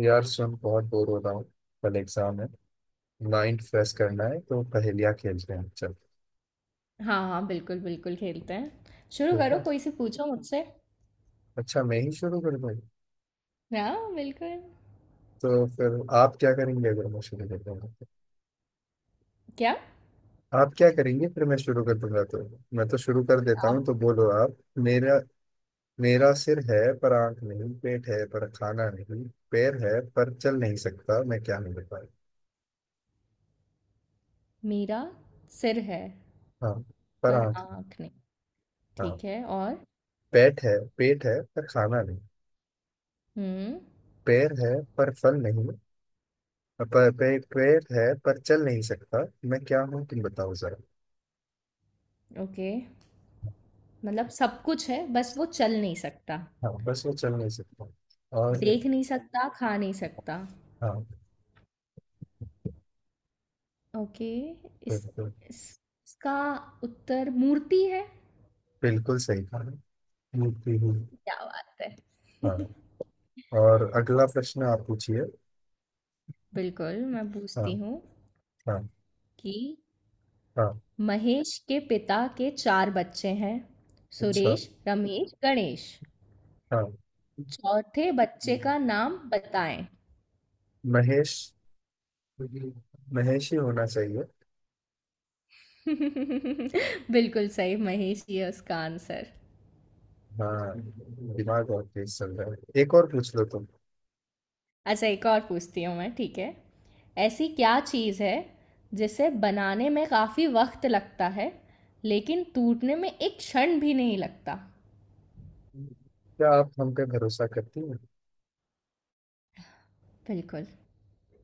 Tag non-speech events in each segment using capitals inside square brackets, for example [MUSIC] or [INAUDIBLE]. यार सुन, बहुत बोर हो रहा हूँ। कल एग्जाम है। माइंड फ्रेश करना है तो पहेलियाँ खेलते हैं, चल। हाँ, हाँ, बिल्कुल खेलते हैं। शुरू ठीक करो, है, कोई से पूछो मुझसे। अच्छा मैं ही शुरू कर दूँ। हाँ, बिल्कुल। तो फिर आप क्या करेंगे अगर मैं शुरू कर दूंगा तो? क्या? आप क्या करेंगे फिर मैं शुरू कर दूंगा तो। मैं तो शुरू कर देता हूँ, आप तो बोलो आप। मेरा मेरा सिर है पर आंख नहीं, पेट है पर खाना नहीं, पैर है पर चल नहीं सकता। मैं क्या नहीं बता। मेरा सिर है, हाँ, पर पर आंख नहीं। आँख नहीं। ठीक हाँ, है और? पेट है पेट है पर खाना नहीं। हुँ, पैर है पर फल नहीं। पैर है पर चल नहीं सकता। मैं क्या हूँ, तुम बताओ जरा। ओके। मतलब सब कुछ है, बस वो चल नहीं सकता। हाँ, बस वो चल नहीं सकता। और देख नहीं सकता, खा नहीं सकता। हाँ, ओके, इस बिल्कुल। इस इसका उत्तर मूर्ति है? बिल्कुल सही कहा, मूर्ति हूँ। क्या बात है! हाँ, और अगला प्रश्न आप पूछिए। बिल्कुल, मैं हाँ, पूछती हूँ हाँ, कि हाँ, महेश के पिता के चार बच्चे हैं। अच्छा, सुरेश, रमेश, गणेश। हाँ। चौथे बच्चे का नाम बताएं। महेश, महेश ही होना चाहिए। [LAUGHS] बिल्कुल सही, महेश ये उसका आंसर। हाँ, दिमाग और तेज चल रहा है, एक और पूछ लो तुम। अच्छा, एक और पूछती हूँ मैं, ठीक है। ऐसी क्या चीज़ है जिसे बनाने में काफ़ी वक्त लगता है लेकिन टूटने में एक क्षण भी नहीं लगता। क्या आप हम पे भरोसा करती हैं? बिल्कुल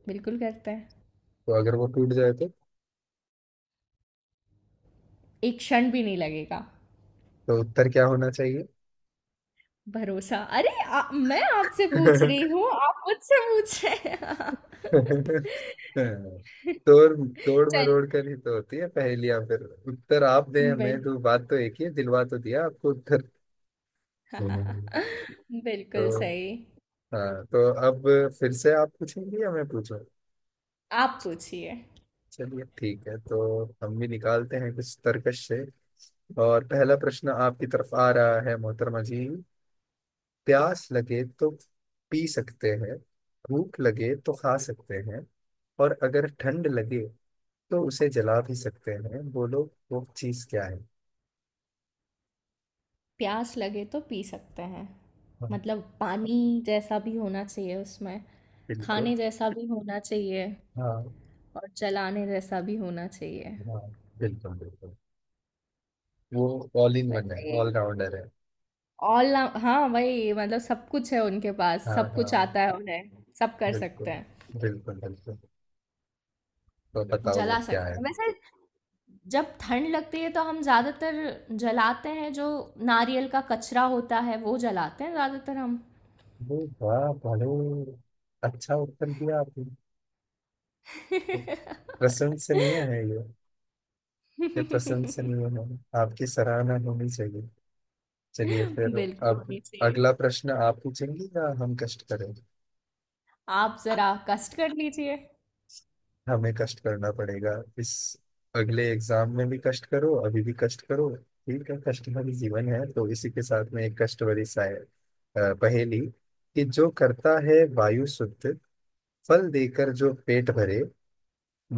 बिल्कुल करते हैं। तो अगर वो टूट जाए तो? एक क्षण भी नहीं लगेगा। तो उत्तर क्या होना चाहिए? भरोसा। मैं आपसे पूछ रही हूँ, आप मुझसे पूछ रहे हैं। [LAUGHS] हाँ, तोड़ [LAUGHS] तोड़ चल। मरोड़ कर ही तो होती है पहेलियां। फिर उत्तर आप दें बिल हमें तो बात तो एक ही है, दिलवा तो दिया आपको उत्तर। हम्म। [LAUGHS] बिल्कुल तो सही। हाँ, तो अब फिर से आप पूछेंगे या मैं पूछूं? आप पूछिए। चलिए ठीक है, तो हम भी निकालते हैं कुछ तर्कश से। और पहला प्रश्न आपकी तरफ आ रहा है, मोहतरमा जी। प्यास लगे तो पी सकते हैं, भूख लगे तो खा सकते हैं, और अगर ठंड लगे तो उसे जला भी सकते हैं। बोलो वो चीज क्या प्यास लगे तो पी सकते हैं, है। मतलब पानी जैसा भी होना चाहिए उसमें, बिल्कुल। खाने जैसा भी होना चाहिए, हाँ। और चलाने जैसा भी होना चाहिए। हाँ, बिल्कुल बिल्कुल। वो ऑल इन वन है, वैसे ऑल राउंडर है। ऑल हाँ, वही मतलब सब कुछ है, उनके पास हाँ सब हाँ, कुछ आता है, उन्हें सब कर सकते बिल्कुल हैं। बिल्कुल बिल्कुल। तो बताओ वो जला क्या सकते है। हैं वैसे। जब ठंड लगती है तो हम ज़्यादातर जलाते हैं जो नारियल का कचरा होता है, वो जलाते हैं ज़्यादातर हम। वो वाह, बहुत अच्छा उत्तर दिया आपने। प्रशंसनीय है ये। ये [LAUGHS] प्रशंसनीय है। आपकी सराहना होनी चाहिए। चलिए फिर, बिल्कुल अब होनी चाहिए। अगला प्रश्न आप पूछेंगे या हम कष्ट करें? आप ज़रा कष्ट कर लीजिए। हमें कष्ट करना पड़ेगा। इस अगले एग्जाम में भी कष्ट करो, अभी भी कष्ट करो, ठीक है, कष्ट भरी जीवन है। तो इसी के साथ में एक कष्ट भरी पहेली कि जो करता है वायु शुद्ध, फल देकर जो पेट भरे,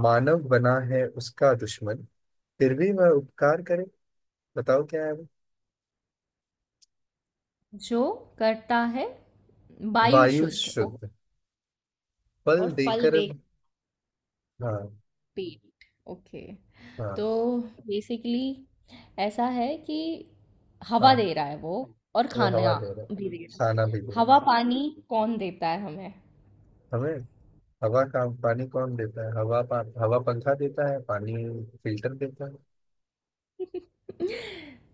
मानव बना है उसका दुश्मन, फिर भी वह उपकार करे। बताओ क्या है वो। जो करता है वायु वायु शुद्ध। शुद्ध, फल और फल देकर। दे, हाँ। पेट। ओके। हाँ। तो बेसिकली ऐसा है कि हवा हाँ, दे रहा है वो, और वो हवा खाना दे रहा है। भी दे रहा है। खाना भी दे रहा हवा है। पानी कौन देता है हमें? हमें हवा का पानी कौन देता है? हवा पंखा देता है, पानी फिल्टर देता है।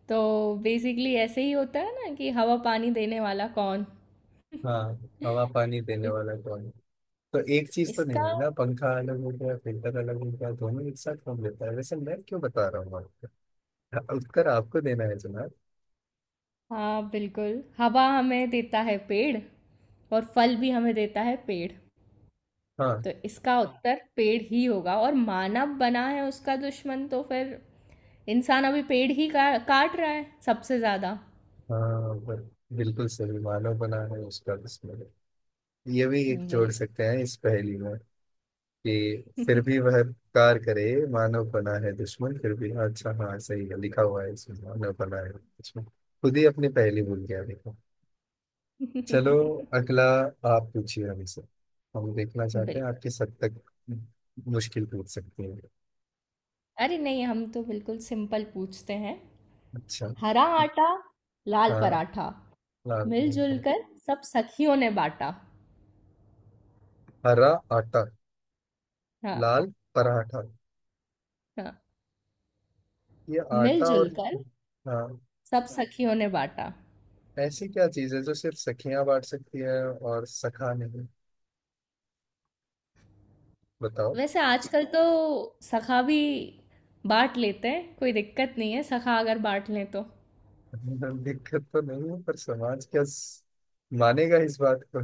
तो बेसिकली ऐसे ही होता है ना कि हवा पानी देने वाला कौन। हाँ, हवा पानी देने इस, वाला कौन है? तो एक चीज तो इसका नहीं है ना, पंखा अलग हो गया फिल्टर अलग हो गया, दोनों एक साथ कौन देता है? वैसे मैं क्यों बता रहा हूँ आपको। हाँ, उत्तर आपको देना है जनाब। हाँ, बिल्कुल हवा हमें देता है पेड़, और फल भी हमें देता है पेड़। तो हाँ, इसका हाँ उत्तर पेड़ ही होगा। और मानव बना है उसका दुश्मन, तो फिर इंसान अभी काट रहा है सबसे ज्यादा। हाँ बस, बिल्कुल सही। मानव बना है उसका बिस्मिल्लाह, ये भी एक जोड़ सकते हैं इस पहेली में कि फिर भी वह उपकार करे। मानव बना है दुश्मन फिर भी, हाँ, अच्छा हाँ सही है, लिखा हुआ है इसमें, मानव बना है दुश्मन। खुद ही अपनी पहेली भूल गया, देखो। चलो, बिल्कुल। [LAUGHS] अगला आप पूछिए हमसे। हम देखना चाहते हैं आप बिल्कुल। किस हद तक मुश्किल पूछ सकते हैं। अरे नहीं, हम तो बिल्कुल सिंपल पूछते हैं। अच्छा। हरा आटा, लाल हाँ, पराठा, लाल मिलजुल पराठा। कर सब सखियों ने बांटा। हरा आटा, हाँ। लाल पराठा। हाँ। ये आटा मिलजुल और? कर हाँ। सब सखियों ने बांटा। ऐसी क्या चीज है जो सिर्फ सखियां बांट सकती है और सखा नहीं? बताओ। वैसे आजकल तो सखा भी बांट लेते हैं, कोई दिक्कत नहीं है सखा अगर बांट लें तो। [LAUGHS] दिक्कत तो नहीं है, पर समाज क्या मानेगा इस बात को?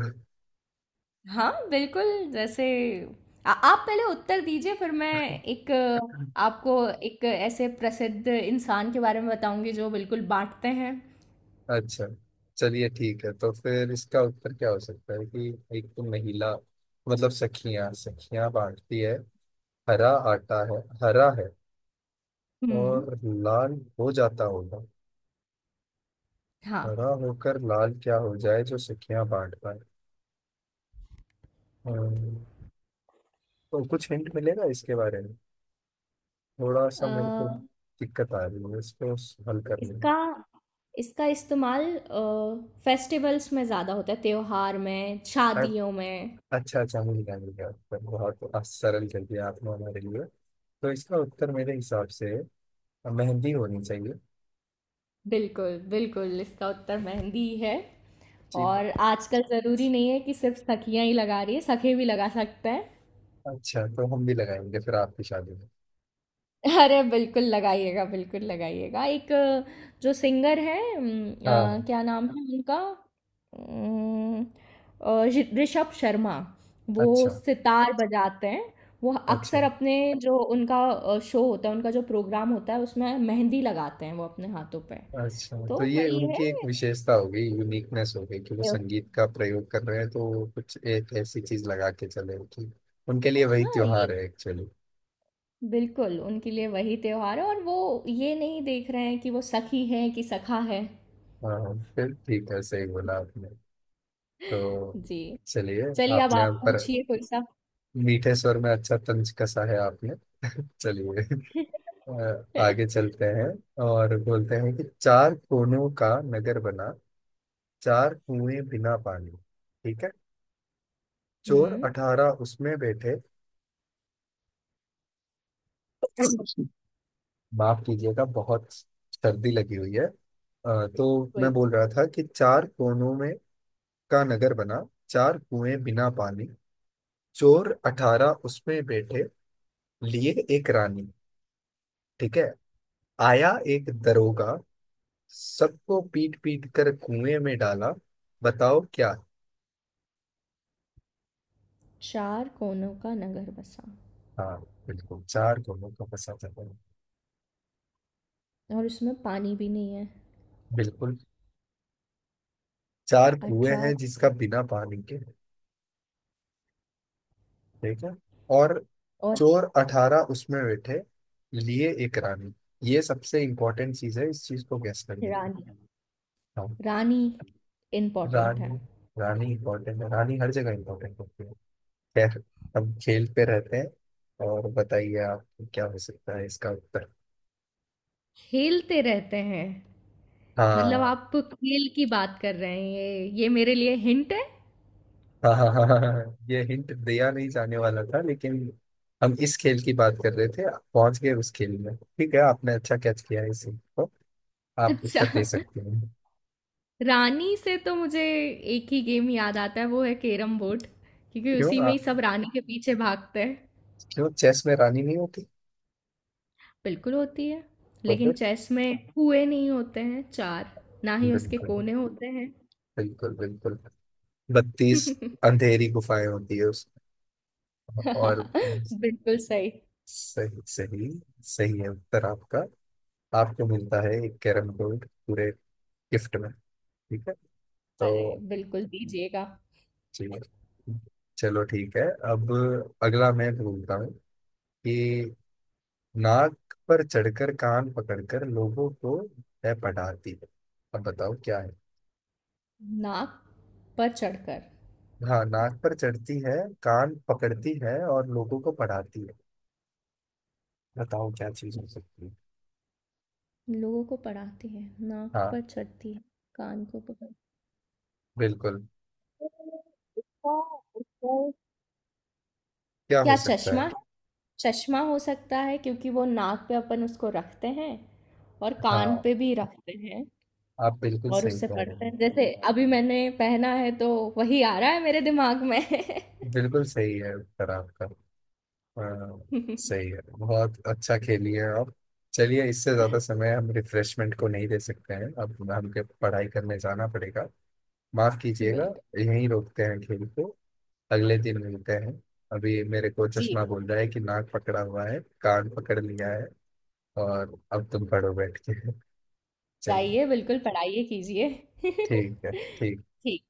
हाँ, बिल्कुल। जैसे, आप पहले उत्तर दीजिए, फिर मैं एक अ, आपको एक ऐसे प्रसिद्ध इंसान के बारे में बताऊंगी जो बिल्कुल बांटते हैं। अच्छा, चलिए ठीक है, तो फिर इसका उत्तर क्या हो सकता है कि एक तो महिला, मतलब सखियां, सखियां बांटती है। हरा आटा है, हरा है, हम्म। और लाल हो जाता होगा। हाँ। हरा होकर लाल क्या हो जाए जो सखियां बांट पाए? हम्म, तो कुछ हिंट मिलेगा इसके बारे में? थोड़ा अ, सा मेरे को दिक्कत आ रही है इसको हल करने में। इसका इसका इस्तेमाल फेस्टिवल्स में ज़्यादा होता है, त्योहार में, शादियों में। अच्छा अच्छा, मिल गया उत्तर, बहुत सरल कर दिया आपने हमारे लिए। तो इसका उत्तर मेरे हिसाब से मेहंदी होनी चाहिए। बिल्कुल, इसका उत्तर मेहंदी है। जी। और आजकल ज़रूरी नहीं है कि सिर्फ सखियां ही लगा रही है, सखे भी लगा सकते हैं। अच्छा, तो हम भी लगाएंगे फिर आपकी शादी में। अरे बिल्कुल लगाइएगा, बिल्कुल लगाइएगा। जो सिंगर है, हाँ हाँ, क्या नाम है उनका? अम, ऋषभ शर्मा। वो अच्छा, सितार बजाते हैं। वो अच्छा, अक्सर अपने जो उनका शो होता है, उनका जो प्रोग्राम होता है, उसमें मेहंदी लगाते हैं वो अपने हाथों पे। अच्छा, तो तो ये वही है। उनकी एक विशेषता हो गई, यूनिकनेस हो गई कि वो अ, संगीत का प्रयोग कर रहे हैं, तो वो कुछ एक ऐसी चीज लगा के चले कि उनके लिए वही हाँ ये, त्योहार है एक्चुअली। बिल्कुल उनके लिए वही त्योहार है, और वो ये नहीं देख रहे हैं कि वो सखी है कि सखा है। हाँ हाँ, फिर ठीक है, सही बोला आपने। तो जी। चलिए। चलिए, अब आपने आप हम पर पूछिए कोई सा। मीठे स्वर में अच्छा तंज कसा है आपने। [LAUGHS] चलिए, [LAUGHS] आगे [LAUGHS] चलते हैं। और बोलते हैं कि चार कोनों का नगर बना, चार कुएं बिना पानी, ठीक है, चोर हम्म अठारह उसमें बैठे। माफ कीजिएगा, बहुत सर्दी लगी हुई है। तो मैं कोई बोल रहा था कि चार कोनों में का नगर बना, चार कुएं बिना पानी, चोर अठारह उसमें बैठे लिए एक रानी, ठीक है, आया एक दरोगा, सबको पीट पीट कर कुएं में डाला। बताओ क्या। चार कोनों का नगर बसा, हाँ, बिल्कुल, चार कुएं का फंसा था। और उसमें पानी भी नहीं है, बिल्कुल, चार कुएं अठरा। हैं जिसका बिना पानी के। ठीक है। और और चोर अठारह उसमें बैठे लिए एक रानी, ये सबसे इम्पोर्टेंट चीज है इस चीज को गैस करने की। रानी। हाँ, रानी इम्पोर्टेंट है। रानी। रानी इम्पोर्टेंट है, रानी हर जगह इम्पोर्टेंट होती है। खैर, हम खेल पे रहते हैं, और बताइए आप, क्या हो सकता है इसका उत्तर। खेलते रहते हैं। मतलब हाँ आप खेल की बात कर रहे हैं, ये मेरे लिए हिंट है। हाँ हाँ हाँ हाँ हाँ, हाँ। ये हिंट दिया नहीं जाने वाला था, लेकिन हम इस खेल की बात कर रहे थे, आप पहुंच गए उस खेल में, ठीक है आपने अच्छा कैच किया है इस हिंट को। [LAUGHS] आप अच्छा, उत्तर दे सकते हैं। रानी से तो मुझे एक ही गेम याद आता है, वो है कैरम बोर्ड, क्योंकि क्यों उसी में ही आप, सब रानी के पीछे भागते हैं। क्यों चेस में रानी नहीं होती? बिल्कुल होती है, तो लेकिन फिर, चेस में हुँ। कुएँ नहीं होते हैं 4, ना ही उसके बिल्कुल कोने होते हैं। बिल्कुल बिल्कुल, बत्तीस अंधेरी गुफाएं होती है उसमें। और [LAUGHS] बिल्कुल सही। सही सही, सही है उत्तर आपका। आपको मिलता है एक कैरम बोर्ड पूरे गिफ्ट में, ठीक है। अरे! तो बिल्कुल दीजिएगा। ठीक है, चलो ठीक है। अब अगला मैं बोलता हूँ कि नाक पर चढ़कर कान पकड़कर लोगों को है पढ़ाती है। अब बताओ क्या है। नाक पर चढ़कर हाँ, नाक पर चढ़ती है, कान पकड़ती है और लोगों को पढ़ाती है। बताओ क्या चीज हो सकती है। लोगों को पढ़ाती है, नाक हाँ, पर चढ़ती है, कान को पकड़। बिल्कुल। उसका उसका क्या हो क्या, सकता है? चश्मा? चश्मा हो सकता है क्योंकि वो नाक पे अपन उसको रखते हैं, और कान हाँ, पे भी रखते हैं। आप बिल्कुल और सही उससे कह रहे पढ़ते हो। हैं, जैसे अभी मैंने पहना है तो वही आ रहा है मेरे दिमाग में। बिल्कुल सही है उत्तर आपका। हाँ, [LAUGHS] सही है, बहुत अच्छा खेली है आप। चलिए, इससे ज्यादा समय हम रिफ्रेशमेंट को नहीं दे सकते हैं, अब हमके पढ़ाई करने जाना पड़ेगा, माफ कीजिएगा। बिल्कुल। यहीं रोकते हैं खेल को, अगले दिन मिलते हैं। अभी मेरे को जी। चश्मा बोल रहा है कि नाक पकड़ा हुआ है, कान पकड़ लिया है, और अब तुम पढ़ो बैठ के। चलिए। जाइए, बिल्कुल पढ़ाइए, कीजिए। ठीक है, ठीक है। [LAUGHS] ठीक।